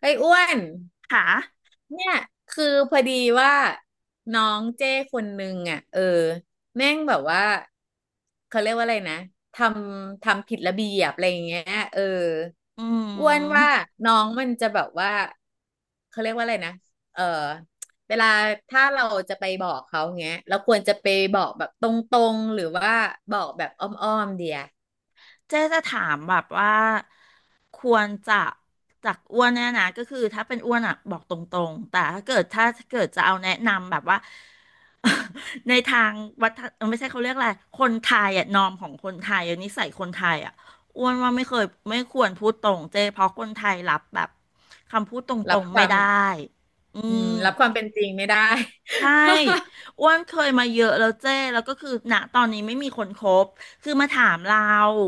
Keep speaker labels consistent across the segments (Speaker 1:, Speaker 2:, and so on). Speaker 1: เฮ้ยอ้วน
Speaker 2: ค่ะ
Speaker 1: เนี่ยคือพอดีว่าน้องเจ้คนนึงอ่ะเออแม่งแบบว่าเขาเรียกว่าอะไรนะททำผิดระเบียบอะไรอย่างเงี้ยเออ
Speaker 2: อื
Speaker 1: อ้วนว่า
Speaker 2: ม
Speaker 1: น้องมันจะแบบว่าเขาเรียกว่าอะไรนะเออเวลาถ้าเราจะไปบอกเขาเงี้ยเราควรจะไปบอกแบบตรงๆหรือว่าบอกแบบอ้อมๆเดีย
Speaker 2: เจ๊จะถามแบบว่าควรจะจากอ้วนเนี่ยนะก็คือถ้าเป็นอ้วนอ่ะบอกตรงๆแต่ถ้าเกิดจะเอาแนะนำแบบว่า ในทางวัฒนเออไม่ใช่เขาเรียกอะไรคนไทยอ่ะนอมของคนไทยอะนิสัยคนไทยอ่ะอ้วนว่าไม่เคยไม่ควรพูดตรงเจ๊เพราะคนไทยรับแบบคำพูดต
Speaker 1: รั
Speaker 2: ร
Speaker 1: บ
Speaker 2: ง
Speaker 1: ค
Speaker 2: ๆไม่
Speaker 1: วาม
Speaker 2: ได้อื
Speaker 1: อืม
Speaker 2: ม
Speaker 1: รับความเป็นจริงไม่ได้
Speaker 2: ใช่ อ้วนเคยมาเยอะแล้วเจ้แล้วก็คือณตอนนี้ไม่มีคนคบคือมาถามเรา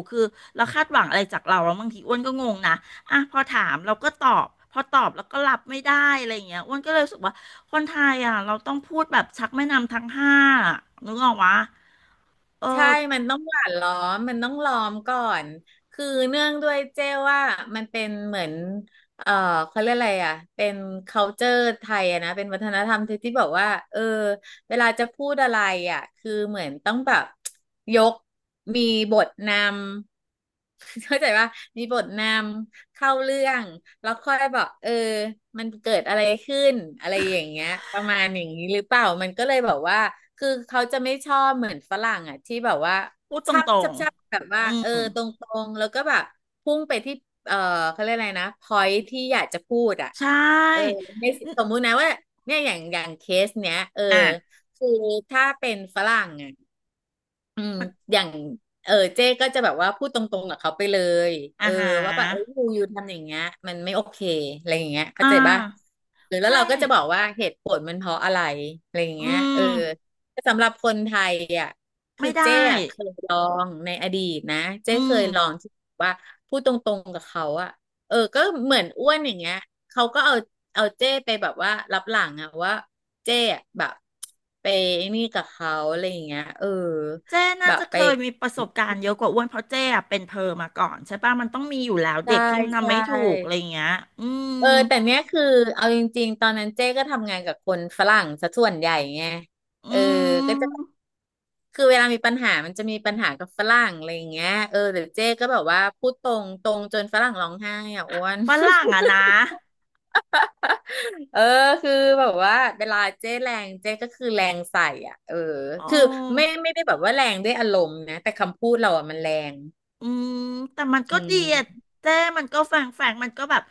Speaker 2: คือเราคาดหวังอะไรจากเราแล้วบางทีอ้วนก็งงนะอ่ะพอถามเราก็ตอบพอตอบแล้วก็รับไม่ได้อะไรอย่างเงี้ยอ้วนก็เลยรู้สึกว่าคนไทยอ่ะเราต้องพูดแบบชักแม่น้ำทั้งห้าอะนึกออกวะเอ
Speaker 1: ใช่
Speaker 2: อ
Speaker 1: มันต้องหวานล้อมมันต้องล้อมก่อนคือเนื่องด้วยเจ้ว่ามันเป็นเหมือนเออเขาเรียกอะไรอ่ะเป็น culture ไทยอะนะเป็นวัฒนธรรมไทยที่บอกว่าเออเวลาจะพูดอะไรอ่ะคือเหมือนต้องแบบยกมีบทนำ เข้าใจว่ามีบทนำ เข้าเรื่องแล้วค่อยบอกเออมันเกิดอะไรขึ้นอะไรอย่างเงี้ยประมาณอย่างนี้หรือเปล่ามันก็เลยแบบว่าคือเขาจะไม่ชอบเหมือนฝรั่งอ่ะที่แบบว่า
Speaker 2: พูดต
Speaker 1: ชับ
Speaker 2: ร
Speaker 1: ชั
Speaker 2: ง
Speaker 1: บชับแบบ
Speaker 2: ๆ
Speaker 1: ว่า
Speaker 2: อื
Speaker 1: เอ
Speaker 2: ม
Speaker 1: อตรงๆแล้วก็แบบพุ่งไปที่เออเขาเรียกอะไรนะ point ที่อยากจะพูดอ่ะ
Speaker 2: ใช
Speaker 1: เออ
Speaker 2: ่
Speaker 1: ใน
Speaker 2: น
Speaker 1: สมมุตินะว่าเนี่ยอย่างเคสเนี้ยเออ
Speaker 2: อ่ะ
Speaker 1: คือถ้าเป็นฝรั่งอ่ะ อืม
Speaker 2: มัน
Speaker 1: อย่างเออเจ๊ก็จะแบบว่าพูดตรงๆกับเขาไปเลย
Speaker 2: อ่า
Speaker 1: เออ
Speaker 2: หา
Speaker 1: ว่าแบบเออยูทำอย่างเงี้ยมันไม่โอเคอะไรอย่างเงี้ยเข้า
Speaker 2: อ่า
Speaker 1: ใจป่ะหรือแล้ว
Speaker 2: ใช่
Speaker 1: เราก็จะบอกว่าเหตุผลมันเพราะอะไรอะไรอย่าง
Speaker 2: อื
Speaker 1: เงี้ยเอ
Speaker 2: ม
Speaker 1: อสำหรับคนไทยอ่ะคือ
Speaker 2: ไม่ได้
Speaker 1: เจ๊อะเคยลองในอดีตนะเจ๊
Speaker 2: อื
Speaker 1: เค
Speaker 2: ม
Speaker 1: ยลองที่ว่าพูดตรงๆกับเขาอ่ะเออก็เหมือนอ้วนอย่างเงี้ยเขาก็เอาเจ้ไปแบบว่ารับหลังอะว่าเจ้อะแบบไปนี่กับเขาอะไรอย่างเงี้ยเออ
Speaker 2: เจ้
Speaker 1: แบ
Speaker 2: น่า
Speaker 1: บ
Speaker 2: จะ
Speaker 1: ไป
Speaker 2: เคยมีประสบการณ์เยอะกว่าอ้วนเพราะเจ้อะเป็นเพอมาก่อนใช่ปะมันต้องมีอยู่แล้ว
Speaker 1: ใช่
Speaker 2: เด็กที่มันทำ
Speaker 1: ใช่
Speaker 2: ไม่ถูกอะไรอย่างเงี้ยอื
Speaker 1: เออ
Speaker 2: ม
Speaker 1: แต่เนี้ยคือเอาจริงๆตอนนั้นเจ๊ก็ทำงานกับคนฝรั่งซะส่วนใหญ่ไง
Speaker 2: อื
Speaker 1: เออก็จะ
Speaker 2: ม
Speaker 1: คือเวลามีปัญหามันจะมีปัญหากับฝรั่งอะไรอย่างเงี้ยเออแต่เจ๊ก็แบบว่าพูดตรงตรงจนฝรั่งร้องไห้อ่ะอ้วน
Speaker 2: ฝรั่งอะ นะ
Speaker 1: เออคือแบบว่าเวลาเจ๊แรงเจ๊ก็คือแรงใส่อ่ะเออ
Speaker 2: โอ
Speaker 1: คือไม่
Speaker 2: ้
Speaker 1: ไม่ได้แบบว่าแรงด้วยอารมณ์นะแต่คำพูดเราอ่ะมันแรง
Speaker 2: อืมแต่มัน
Speaker 1: อื
Speaker 2: ก็ดีอะ
Speaker 1: ม
Speaker 2: เจ้มันก็แฝงมันก็แบบ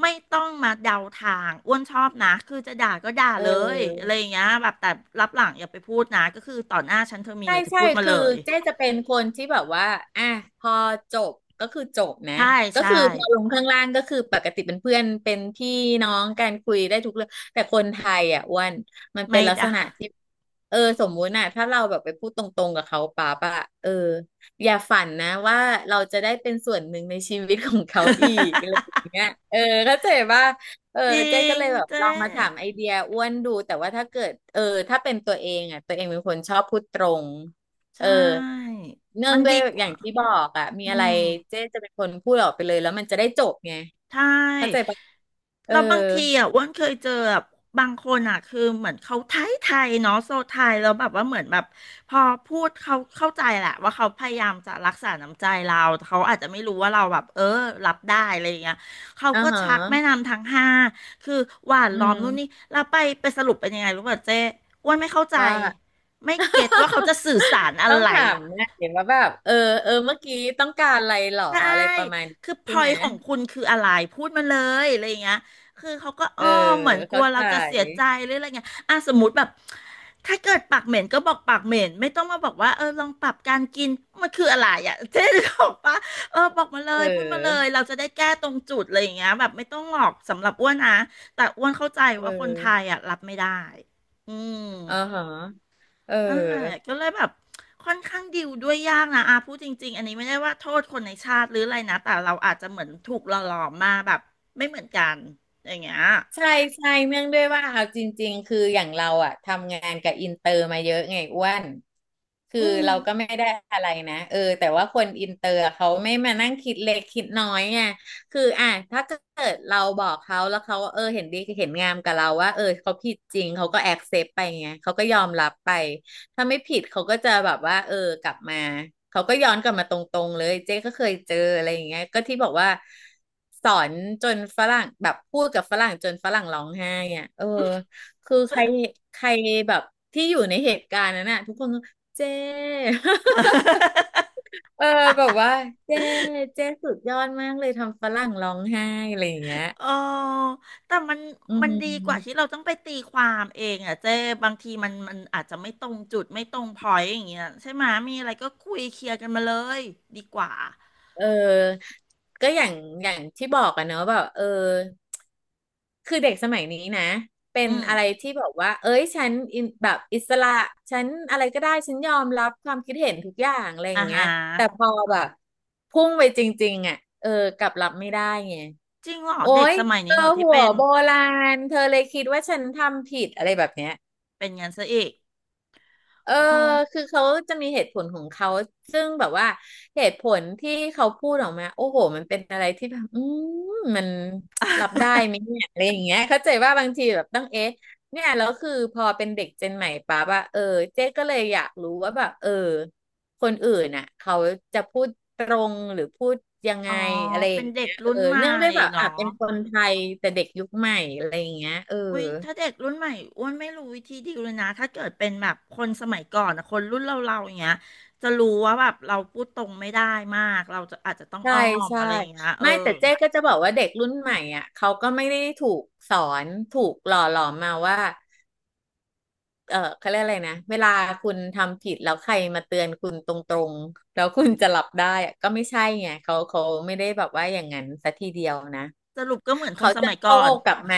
Speaker 2: ไม่ต้องมาเดาทางอ้วนชอบนะคือจะด่าก็ด่า
Speaker 1: เอ
Speaker 2: เลยอะไรอ
Speaker 1: อ
Speaker 2: ย่างเงี้ยแบบแต่รับหลังอย่าไปพูดนะก็คือต่อหน้าฉันเธอมี
Speaker 1: ใช่
Speaker 2: อะไรเธอ
Speaker 1: ใช่
Speaker 2: พูดมา
Speaker 1: คื
Speaker 2: เล
Speaker 1: อ
Speaker 2: ย
Speaker 1: เจ๊จะเป็นคนที่แบบว่าอ่ะพอจบก็คือจบนะ
Speaker 2: ใช่
Speaker 1: ก็
Speaker 2: ใช่
Speaker 1: คือพอลงข้างล่างก็คือปกติเป็นเพื่อนเป็นพี่น้องการคุยได้ทุกเรื่องแต่คนไทยอ่ะอ้วันมันเป็
Speaker 2: ไม่
Speaker 1: นลักษ
Speaker 2: ด่า
Speaker 1: ณะที่เออสมมุติน่ะถ้าเราแบบไปพูดตรงๆกับเขาป๊าปะเอออย่าฝันนะว่าเราจะได้เป็นส่วนหนึ่งในชีวิตของเขาอีกอะไรอย่างเงี้ยเออเข้าใจป่ะ เออ
Speaker 2: จริ
Speaker 1: เจ๊ก็
Speaker 2: ง
Speaker 1: เลยแบบ
Speaker 2: เจ้
Speaker 1: ลองมาถามไอเดียอ้วนดูแต่ว่าถ้าเกิดเออถ้าเป็นตัวเองอ่ะตัวเองเป็นคนชอบพูดตรง
Speaker 2: ใช
Speaker 1: เออ
Speaker 2: ่
Speaker 1: เนื่อ
Speaker 2: มั
Speaker 1: ง
Speaker 2: น
Speaker 1: ด้วย
Speaker 2: ดีก
Speaker 1: อ
Speaker 2: ว่า
Speaker 1: ย่างที่บอกอ่ะมี
Speaker 2: อื
Speaker 1: อะไร
Speaker 2: ม
Speaker 1: เจ๊จะเป็นคนพูดออกไปเลยแล้วมันจะได้จบไง
Speaker 2: ใช่
Speaker 1: เข้าใจปะเออ
Speaker 2: แล้วบางทีอ่ะอ้วนเคยเจอแบบบางคนอ่ะ คือเหมือนเขาไทยไทยเนาะโซไทยแล้วแบบว่าเหมือนแบบพอพูดเขาเข้าใจแหละว่าเขาพยายามจะรักษาน้ำใจเราแต่เขาอาจจะไม่รู้ว่าเราแบบเออรับได้อะไรอย่างเงี้ยเขา
Speaker 1: อ่า
Speaker 2: ก็
Speaker 1: ฮะ
Speaker 2: ชักแม่น้ำทั้งห้าคือหวาน
Speaker 1: อื
Speaker 2: ล้อมนู่นนี่
Speaker 1: ม
Speaker 2: แล้วไปไปสรุปเป็นยังไงรู้ป่ะเจ๊อ้วนไม่เข้าใจ
Speaker 1: ว่า
Speaker 2: ไม่เก็ตว่าเขาจะสื่อสา รอะ
Speaker 1: ต้อง
Speaker 2: ไร
Speaker 1: ถามนะเห็นว่าแบบเออเออเมื่อกี้ต้องการอะไรหรอ
Speaker 2: ใช่
Speaker 1: อะไรประมาณนี้
Speaker 2: คือพ
Speaker 1: ใช่
Speaker 2: อ
Speaker 1: ไห
Speaker 2: ย
Speaker 1: ม
Speaker 2: ของคุณคืออะไรพูดมาเลยอะไรอย่างเงี้ยคือเขาก็
Speaker 1: เอ
Speaker 2: อ้อ
Speaker 1: อ
Speaker 2: มเหมือนกลั
Speaker 1: เข้า
Speaker 2: วเรา
Speaker 1: ใจ
Speaker 2: จะเสียใจหรืออะไรเงี้ยอ่ะสมมติแบบถ้าเกิดปากเหม็นก็บอกปากเหม็นไม่ต้องมาบอกว่าเออลองปรับการกินมันคืออะไรอ่ะเจ๊บอกปะเออบอกมาเล
Speaker 1: เ
Speaker 2: ยพูดมาเล
Speaker 1: ออ
Speaker 2: ยเราจะได้แก้ตรงจุดอะไรอย่างเงี้ยแบบไม่ต้องหลอกสำหรับอ้วนนะแต่อ้วนเข้าใจ
Speaker 1: เ
Speaker 2: ว่าคนไท
Speaker 1: ออ
Speaker 2: ยอ่ะรับไม่ได้อืม
Speaker 1: อ่าฮะเออ
Speaker 2: นั่นแหละก็เลยแบบค่อนข้างดิวด้วยยากนะอาพูดจริงๆอันนี้ไม่ได้ว่าโทษคนในชาติหรืออะไรนะแต่เราอาจจะเหมือนถูกหล่อหลอมมาแบบไม่เหมือนกันอย่างเงี้ย
Speaker 1: ใช่ใช่เนื่องด้วยว่าเอาจริงๆคืออย่างเราอะทำงานกับอินเตอร์มาเยอะไงอ้วนคือ
Speaker 2: อืม
Speaker 1: เราก็ไม่ได้อะไรนะเออแต่ว่าคนอินเตอร์เขาไม่มานั่งคิดเล็กคิดน้อยไงคืออ่ะถ้าเกิดเราบอกเขาแล้วเขาเออเห็นดีเห็นงามกับเราว่าเออเขาผิดจริงเขาก็แอคเซปต์ไปไงเขาก็ยอมรับไป ถ้าไม่ผิดเขาก็จะแบบว่าเออกลับมาเขาก็ย้อนกลับมาตรงๆเลยเจ๊ก็เคยเจออะไรอย่างเงี้ยก็ที่บอกว่าสอนจนฝรั่งแบบพูดกับฝรั่งจนฝรั่งร้องไห้อ่ะเออคือใครใครแบบที่อยู่ในเหตุการณ์นั้นน่ะทุกคนก็เจ๊ เออแบบว่าเจ๊เจ๊สุดยอดมากเลยทำฝรั่งร้องไห้อะไรอย่างเงี้ย
Speaker 2: เออแต่มัน
Speaker 1: อื
Speaker 2: มันดีกว่าที่
Speaker 1: ม
Speaker 2: เราต้องไปตีความเองอ่ะเจ้บางทีมันอาจจะไม่ตรงจุดไม่ตรงพอยต์อย่างเงี้ยใช่ไหมมีอะไรก็คุยเคลียร์กันมาเลยดีกว่า
Speaker 1: เออก็อย่างอย่างที่บอกอะเนอะแบบเออ คือเด็กสมัยนี้นะเป็
Speaker 2: อื
Speaker 1: น
Speaker 2: ม
Speaker 1: อะไรที่บอกว่าเอ้ยฉันอินแบบอิสระฉันอะไรก็ได้ฉันยอมรับความคิดเห็นทุกอย่างอะไรอ
Speaker 2: อ่า
Speaker 1: ย่างเงี้ย
Speaker 2: ฮะ
Speaker 1: แต่พอแบบพุ่งไปจริงๆอ่ะเออกลับรับไม่ได้ไง
Speaker 2: จริงเหรอ
Speaker 1: โอ๊
Speaker 2: เด็ก
Speaker 1: ย
Speaker 2: สมัย
Speaker 1: เธ
Speaker 2: นี้
Speaker 1: อ
Speaker 2: เหรอที่
Speaker 1: หัว
Speaker 2: เป็น
Speaker 1: โบราณเธอเลยคิดว่าฉันทำผิดอะไรแบบเนี้ย
Speaker 2: เป็นงั้นซะอีก
Speaker 1: อ
Speaker 2: เออ
Speaker 1: คือเขาจะมีเหตุผลของเขาซึ่งแบบว่าเหตุผลที่เขาพูดออกมาโอ้โหมันเป็นอะไรที่แบบมมันรับได้ไหมเนี่ยอะไรอย่างเงี้ยเข้าใจว่าบางทีแบบต้องเอ๊ะเนี่ยแล้วคือพอเป็นเด็กเจนใหม่ปั๊บอะเจ๊ก็เลยอยากรู้ว่าแบบคนอื่นน่ะเขาจะพูดตรงหรือพูดยังไง
Speaker 2: อ๋อ
Speaker 1: อะไรอ
Speaker 2: เป็น
Speaker 1: ย่าง
Speaker 2: เด็
Speaker 1: เงี้
Speaker 2: ก
Speaker 1: ย
Speaker 2: รุ่นใหม่
Speaker 1: เนื่องด้วยแบบ
Speaker 2: เหรอ
Speaker 1: อ่ะเป็นคนไทยแต่เด็กยุคใหม่อะไรอย่างเงี้ย
Speaker 2: อุ้ยถ้าเด็กรุ่นใหม่อ้วนไม่รู้วิธีดีลเลยนะถ้าเกิดเป็นแบบคนสมัยก่อนนะคนรุ่นเราอย่างเงี้ยจะรู้ว่าแบบเราพูดตรงไม่ได้มากเราจะอาจจะต้อง
Speaker 1: ใช่
Speaker 2: อ้อม
Speaker 1: ใช่
Speaker 2: อะไรอย่างเงี้ยเออ
Speaker 1: ไม่แต่เจ๊ก็จะบอกว่าเด็กรุ่นใหม่อ่ะเขาก็ไม่ได้ถูกสอนถูกหล่อหลอมมาว่าเขาเรียกอะไรนะเวลาคุณทำผิดแล้วใครมาเตือนคุณตรงๆแล้วคุณจะหลับได้อะก็ไม่ใช่ไงเขาไม่ได้แบบว่าอย่างนั้นสัทีเดียวนะ
Speaker 2: สรุปก็เหมือนค
Speaker 1: เขา
Speaker 2: นส
Speaker 1: จะ
Speaker 2: มัยก่
Speaker 1: โต้
Speaker 2: อน
Speaker 1: กลับมา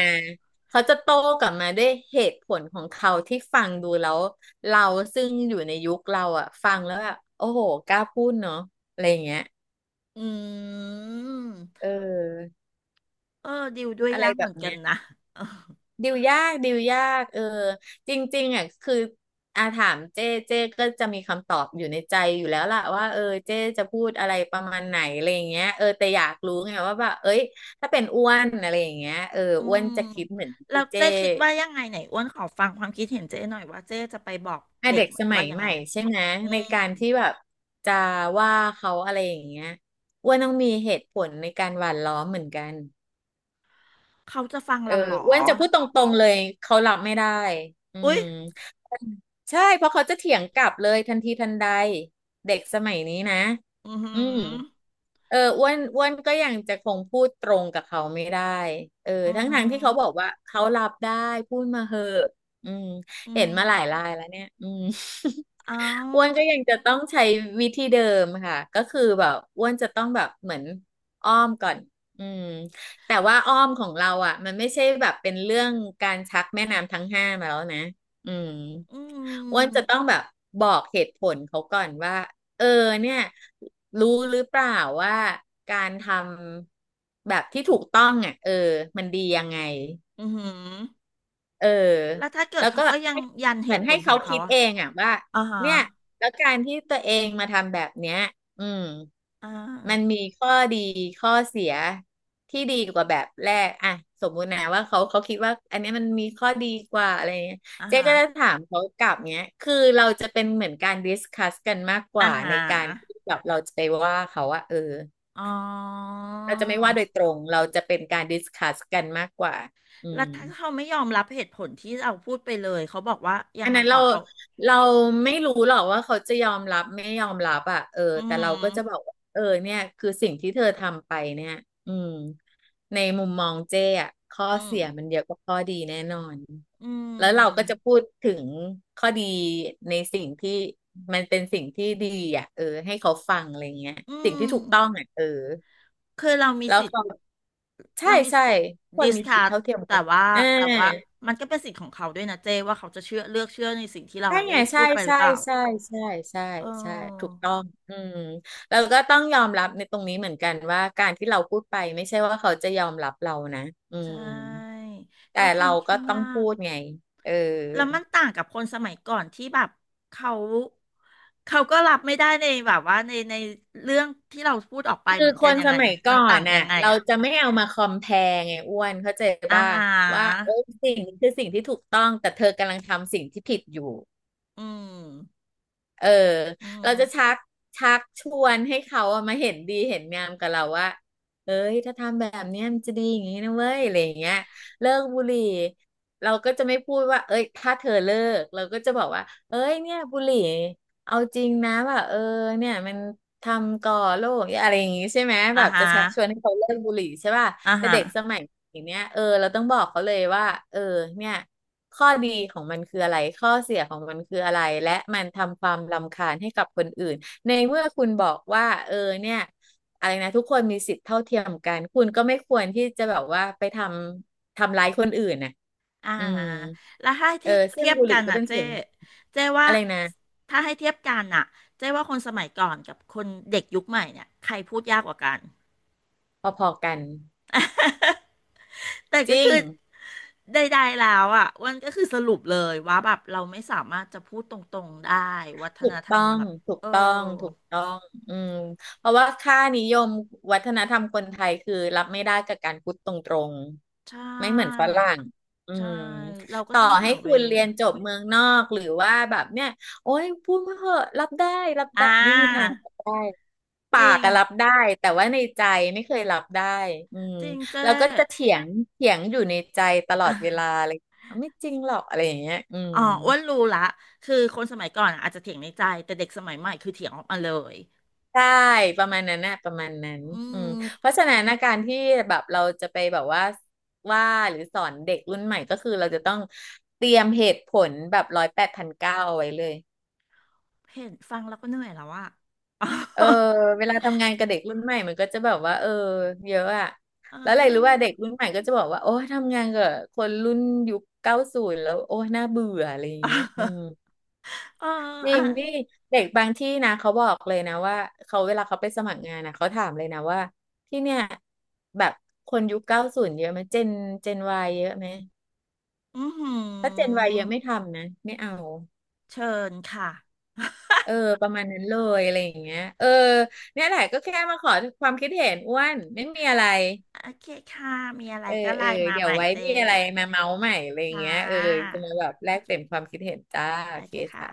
Speaker 1: เขาจะโต้กลับมาด้วยเหตุผลของเขาที่ฟังดูแล้วเราซึ่งอยู่ในยุคเราอ่ะฟังแล้วแบบโอ้โหกล้าพูดเนาะอะไรอย่างเงี้ย
Speaker 2: อื
Speaker 1: เ
Speaker 2: ม
Speaker 1: ออ
Speaker 2: เออดิวด้วย
Speaker 1: อะไร
Speaker 2: ยาก
Speaker 1: แบ
Speaker 2: เหมื
Speaker 1: บ
Speaker 2: อนกัน
Speaker 1: เนี้ย
Speaker 2: นะเออ
Speaker 1: ดิวยากดิวยากจริงๆอ่ะคืออาถามเจ้เจ้ก็จะมีคำตอบอยู่ในใจอยู่แล้วล่ะว่าเจ้จะพูดอะไรประมาณไหนอะไรอย่างเงี้ยแต่อยากรู้ไงว่าแบบเอ้ยถ้าเป็นอ้วนอะไรอย่างเงี้ย
Speaker 2: อื
Speaker 1: อ้วน
Speaker 2: ม
Speaker 1: จะคิดเหมือน
Speaker 2: แล้
Speaker 1: ที่
Speaker 2: ว
Speaker 1: เจ้
Speaker 2: เจ๊คิดว่ายังไงไหนอ้วนขอฟังความคิดเห็นเจ๊หน่อยว่าเจ๊จะไปบอก
Speaker 1: อ่ะ
Speaker 2: เด็ก
Speaker 1: เด็กสมั
Speaker 2: ว่า
Speaker 1: ย
Speaker 2: ยัง
Speaker 1: ให
Speaker 2: ไง
Speaker 1: ม่ใช่ไหม
Speaker 2: อื
Speaker 1: ในการ
Speaker 2: ม
Speaker 1: ที่แบบจะว่าเขาอะไรอย่างเงี้ยอ้วนต้องมีเหตุผลในการหว่านล้อมเหมือนกัน
Speaker 2: เขาจะฟัง
Speaker 1: เออ
Speaker 2: เราเหรอ
Speaker 1: อ้วนจะพูดตรงๆเลยเขารับไม่ได้อื
Speaker 2: อุ๊
Speaker 1: ม
Speaker 2: ย
Speaker 1: ใช่เพราะเขาจะเถียงกลับเลยทันทีทันใดเด็กสมัยนี้นะ
Speaker 2: อือหื
Speaker 1: อื
Speaker 2: อ
Speaker 1: มอ้วนก็ยังจะคงพูดตรงกับเขาไม่ได้
Speaker 2: อื
Speaker 1: ทั้งทางที่เขา
Speaker 2: ม
Speaker 1: บอกว่าเขารับได้พูดมาเหอะอืม
Speaker 2: อือ
Speaker 1: เห็นมาหลายรายแล้วเนี่ยอืม
Speaker 2: เอา
Speaker 1: อ้วนก็ยังจะต้องใช้วิธีเดิมค่ะก็คือแบบอ้วนจะต้องแบบเหมือนอ้อมก่อนอืมแต่ว่าอ้อมของเราอ่ะมันไม่ใช่แบบเป็นเรื่องการชักแม่น้ำทั้งห้ามาแล้วนะอืม
Speaker 2: อื
Speaker 1: อ้วนจะต้อง
Speaker 2: ม
Speaker 1: แบบบอกเหตุผลเขาก่อนว่าเออเนี่ยรู้หรือเปล่าว่าการทำแบบที่ถูกต้องอ่ะมันดียังไง
Speaker 2: ออือหือ
Speaker 1: เออ
Speaker 2: แล้วถ้าเกิ
Speaker 1: แล้
Speaker 2: ด
Speaker 1: ว
Speaker 2: เขา
Speaker 1: ก็
Speaker 2: ก็ยัง
Speaker 1: ให้
Speaker 2: ยัน
Speaker 1: เห
Speaker 2: เห
Speaker 1: มือ
Speaker 2: ตุ
Speaker 1: น
Speaker 2: ผ
Speaker 1: ให้
Speaker 2: ลขอ
Speaker 1: เขา
Speaker 2: งเขา
Speaker 1: คิด
Speaker 2: อะ
Speaker 1: เองอ่ะว่า
Speaker 2: อ่าฮะ
Speaker 1: เนี่ยแล้วการที่ตัวเองมาทำแบบเนี้ยอืม
Speaker 2: อ่า
Speaker 1: มันมีข้อดีข้อเสียที่ดีกว่าแบบแรกอ่ะสมมุตินะว่าเขาคิดว่าอันเนี้ยมันมีข้อดีกว่าอะไรเงี้ย
Speaker 2: อ่า
Speaker 1: เจ๊
Speaker 2: ฮะ
Speaker 1: ก็จะถามเขากลับเนี้ยคือเราจะเป็นเหมือนการดิสคัสกันมากก
Speaker 2: อ่า
Speaker 1: ว่า
Speaker 2: ฮะ
Speaker 1: ในการที่แบบเราจะไปว่าเขาว่า
Speaker 2: อ๋อ
Speaker 1: เราจะไม่ว่าโดยตรงเราจะเป็นการดิสคัสกันมากกว่าอื
Speaker 2: แล้ว
Speaker 1: ม
Speaker 2: ถ้าเขาไม่ยอมรับเหตุผลที่เราพูดไปเลยเขาบอกว่ายั
Speaker 1: อั
Speaker 2: ง
Speaker 1: น
Speaker 2: ไง
Speaker 1: นั้น
Speaker 2: ขอ
Speaker 1: เรา
Speaker 2: งเขา
Speaker 1: เราไม่รู้หรอกว่าเขาจะยอมรับไม่ยอมรับอ่ะ
Speaker 2: อื
Speaker 1: แต่เรา
Speaker 2: ม
Speaker 1: ก็จะบอกว่าเนี่ยคือสิ่งที่เธอทำไปเนี่ยอืมในมุมมองเจ้อ่ะข้อ
Speaker 2: อืม
Speaker 1: เสียมันเยอะกว่าข้อดีแน่นอน
Speaker 2: อื
Speaker 1: แล้วเราก็
Speaker 2: ม
Speaker 1: จะพูดถึงข้อดีในสิ่งที่มันเป็นสิ่งที่ดีอ่ะให้เขาฟังอะไรเงี้ย
Speaker 2: อื
Speaker 1: สิ่งที่
Speaker 2: ม
Speaker 1: ถูกต้องอ่ะ
Speaker 2: คือเรามี
Speaker 1: แล้ว
Speaker 2: สิทธิ์
Speaker 1: เขาใช่
Speaker 2: เรามี
Speaker 1: ใช่
Speaker 2: สิทธิ์
Speaker 1: ควร
Speaker 2: ดิส
Speaker 1: มีสิท
Speaker 2: คั
Speaker 1: ธิ
Speaker 2: ส
Speaker 1: เท่าเทียมกั
Speaker 2: แต่
Speaker 1: น
Speaker 2: ว่า
Speaker 1: อ่า
Speaker 2: แต่ว่ามันก็เป็นสิทธิ์ของเขาด้วยนะเจ้ว่าเขาจะเชื่อเลือกเชื่อในสิ่งที่เรา
Speaker 1: ใช่ไง
Speaker 2: ได้
Speaker 1: ใช่
Speaker 2: พูดไปหรื
Speaker 1: ใช่
Speaker 2: อเปล่า
Speaker 1: ใช่ใช่ใช่
Speaker 2: เอ
Speaker 1: ใช่ถูก
Speaker 2: อ
Speaker 1: ต้องอืมแล้วก็ต้องยอมรับในตรงนี้เหมือนกันว่าการที่เราพูดไปไม่ใช่ว่าเขาจะยอมรับเรานะอื
Speaker 2: ใช
Speaker 1: ม
Speaker 2: ่
Speaker 1: แต่
Speaker 2: ก็ค่
Speaker 1: เรา
Speaker 2: อน
Speaker 1: ก็
Speaker 2: ข้าง
Speaker 1: ต้อง
Speaker 2: ยา
Speaker 1: พู
Speaker 2: ก
Speaker 1: ดไงเออ
Speaker 2: แล้วมันต่างกับคนสมัยก่อนที่แบบเขาเขาก็รับไม่ได้ในแบบว่าในเรื่องที่เราพูดออกไป
Speaker 1: คื
Speaker 2: เห
Speaker 1: อ
Speaker 2: มือน
Speaker 1: ค
Speaker 2: กัน
Speaker 1: น
Speaker 2: ยัง
Speaker 1: ส
Speaker 2: ไง
Speaker 1: มัยก่
Speaker 2: มั
Speaker 1: อ
Speaker 2: นต่า
Speaker 1: น
Speaker 2: งยั
Speaker 1: น่ะ
Speaker 2: งไง
Speaker 1: เรา
Speaker 2: อะ
Speaker 1: จะไม่เอามาคอมแพร์ไงอ้วนเข้าใจ
Speaker 2: อา
Speaker 1: ป่ะ
Speaker 2: หา
Speaker 1: ว่าโอ้ย
Speaker 2: ร
Speaker 1: สิ่งนี้คือสิ่งที่ถูกต้องแต่เธอกำลังทำสิ่งที่ผิดอยู่
Speaker 2: อืม
Speaker 1: เออ
Speaker 2: อื
Speaker 1: เราจะชั
Speaker 2: ม
Speaker 1: กชักชวนให้เขาอะมาเห็นดีเห็นงามกับเราว่าเอ้ยถ้าทำแบบเนี้ยมันจะดีอย่างนี้นะเว้ยอะไรอย่างเงี้ยเลิกบุหรี่เราก็จะไม่พูดว่าเอ้ยถ้าเธอเลิกเราก็จะบอกว่าเอ้ยเนี่ยบุหรี่ เอาจริงนะแบบเนี่ยมันทำก่อโรคอะไรอย่างงี้ใช่ไหม
Speaker 2: อา
Speaker 1: แบบ
Speaker 2: หา
Speaker 1: จะ
Speaker 2: ร
Speaker 1: ชักชวนให้เขาเลิกบุหรี่ใช่ป่ะ
Speaker 2: อา
Speaker 1: แต่
Speaker 2: หา
Speaker 1: เด็
Speaker 2: ร
Speaker 1: กสมัยอย่างเนี้ยเราต้องบอกเขาเลยว่าเออเนี่ยข้อดีของมันคืออะไรข้อเสียของมันคืออะไรและมันทำความรำคาญให้กับคนอื่นในเมื่อคุณบอกว่าเนี่ยอะไรนะทุกคนมีสิทธิ์เท่าเทียมกันคุณก็ไม่ควรที่จะแบบว่าไปทำร้ายคนอื่นน่ะ
Speaker 2: อ่า
Speaker 1: อืม
Speaker 2: แล้วถ้าให้เ
Speaker 1: ซึ่
Speaker 2: ที
Speaker 1: ง
Speaker 2: ยบ
Speaker 1: บุห
Speaker 2: กั
Speaker 1: รี่
Speaker 2: น
Speaker 1: ก็
Speaker 2: อ่ะ
Speaker 1: เป็น
Speaker 2: เจ๊
Speaker 1: ส่วน
Speaker 2: เจ๊ว่า
Speaker 1: อะไรนะ
Speaker 2: ถ้าให้เทียบกันอ่ะเจ๊ว่าคนสมัยก่อนกับคนเด็กยุคใหม่เนี่ยใครพูดยากกว่ากัน
Speaker 1: พอๆกัน
Speaker 2: แต่
Speaker 1: จ
Speaker 2: ก็
Speaker 1: ริ
Speaker 2: คื
Speaker 1: ง
Speaker 2: อใดๆแล้วอ่ะอ้วันก็คือสรุปเลยว่าแบบเราไม่สามารถจะพูดตรงๆได้วัฒ
Speaker 1: ถู
Speaker 2: น
Speaker 1: ก
Speaker 2: ธร
Speaker 1: ต้
Speaker 2: ร
Speaker 1: อ
Speaker 2: ม
Speaker 1: ง
Speaker 2: แบบ
Speaker 1: ถูก
Speaker 2: เออ
Speaker 1: ต้องถูกต้องอืมเพราะว่าค่านิยมวัฒนธรรมคนไทยคือรับไม่ได้กับการพูดตรง
Speaker 2: ใช
Speaker 1: ๆไม่เหมือนฝ
Speaker 2: ่
Speaker 1: รั่งอื
Speaker 2: ใช่
Speaker 1: ม
Speaker 2: เราก็
Speaker 1: ต่อ
Speaker 2: ต้อง
Speaker 1: ให้
Speaker 2: หาเว
Speaker 1: คุณเรียนจบเมืองนอกหรือว่าแบบเนี่ยโอ้ยพูดมาเหอะรับได้รับได้
Speaker 2: อ่า
Speaker 1: ไม่มีทางรับได้
Speaker 2: จ
Speaker 1: ปา
Speaker 2: ริ
Speaker 1: ก
Speaker 2: ง
Speaker 1: อะรับได้แต่ว่าในใจไม่เคยรับได้อืม
Speaker 2: จริง
Speaker 1: แล้
Speaker 2: เจ๊
Speaker 1: วก็จะเถียงเถียงอยู่ในใจตลอดเวลา เลยไม่จริงหรอกอะไรอย่างเงี้ยอืม
Speaker 2: อ๋ออ้วนรู้ละคือคนสมัยก่อนอะอาจจะเถียงในใจแต่เด็กสมัยใหม่คือเถียงออกมาเลย
Speaker 1: ใช่ประมาณนั้นนะประมาณนั้น
Speaker 2: อื
Speaker 1: อืมเพ
Speaker 2: ม
Speaker 1: ราะฉะนั้นนะการที่แบบเราจะไปแบบว่าว่าหรือสอนเด็กรุ่นใหม่ก็คือเราจะต้องเตรียมเหตุผลแบบร้อยแปดพันเก้าเอาไว้เลย
Speaker 2: เห็นฟังแล้วก็เหนื่อยแล้วอะ อ๋
Speaker 1: เออเวลาทำงานกับเด็กรุ่นใหม่มันก็จะแบบว่าเยอะอะ
Speaker 2: อ
Speaker 1: แล้วอะไรรู้ว่า
Speaker 2: เออ
Speaker 1: เด็กรุ่นใหม่ก็จะบอกว่าโอ้ยทำงานกับคนรุ่นยุคเก้าศูนย์แล้วโอ้ยน่าเบื่ออะไรอย่างเงี้ยอืม
Speaker 2: เออ
Speaker 1: จริ
Speaker 2: อ่ะ
Speaker 1: งนี่เด็กบางที่นะเขาบอกเลยนะว่าเขาเวลาเขาไปสมัครงานนะเขาถามเลยนะว่าที่เนี่ยแบบคนยุคเก้าศูนย์เยอะไหมเจนเจนวายเยอะไหม
Speaker 2: อือหื
Speaker 1: ถ้าเจนวา
Speaker 2: อ
Speaker 1: ยเยอะไม่ทำนะไม่เอา
Speaker 2: เชิญค่ะ
Speaker 1: เออประมาณนั้นเลยอะไรอย่างเงี้ยเนี่ยแหละก็แค่มาขอความคิดเห็นอ้วนไม่มีอะไร
Speaker 2: โอเคค่ะมีอะไร
Speaker 1: เออ
Speaker 2: ก็ไล
Speaker 1: เออ
Speaker 2: น์มา
Speaker 1: เดี๋ย
Speaker 2: ให
Speaker 1: ว
Speaker 2: ม่
Speaker 1: ไว้
Speaker 2: เจ๊
Speaker 1: มีอะไรมาเมาส์ใหม่อะไรอย่าง
Speaker 2: ค่
Speaker 1: เงี้ย
Speaker 2: ะ
Speaker 1: จะมาแบบแล
Speaker 2: โอ
Speaker 1: กเปลี่ยน
Speaker 2: เค
Speaker 1: ความคิดเห็นจ้า
Speaker 2: โอ
Speaker 1: โอเค
Speaker 2: เคค่ะ
Speaker 1: ค่ะ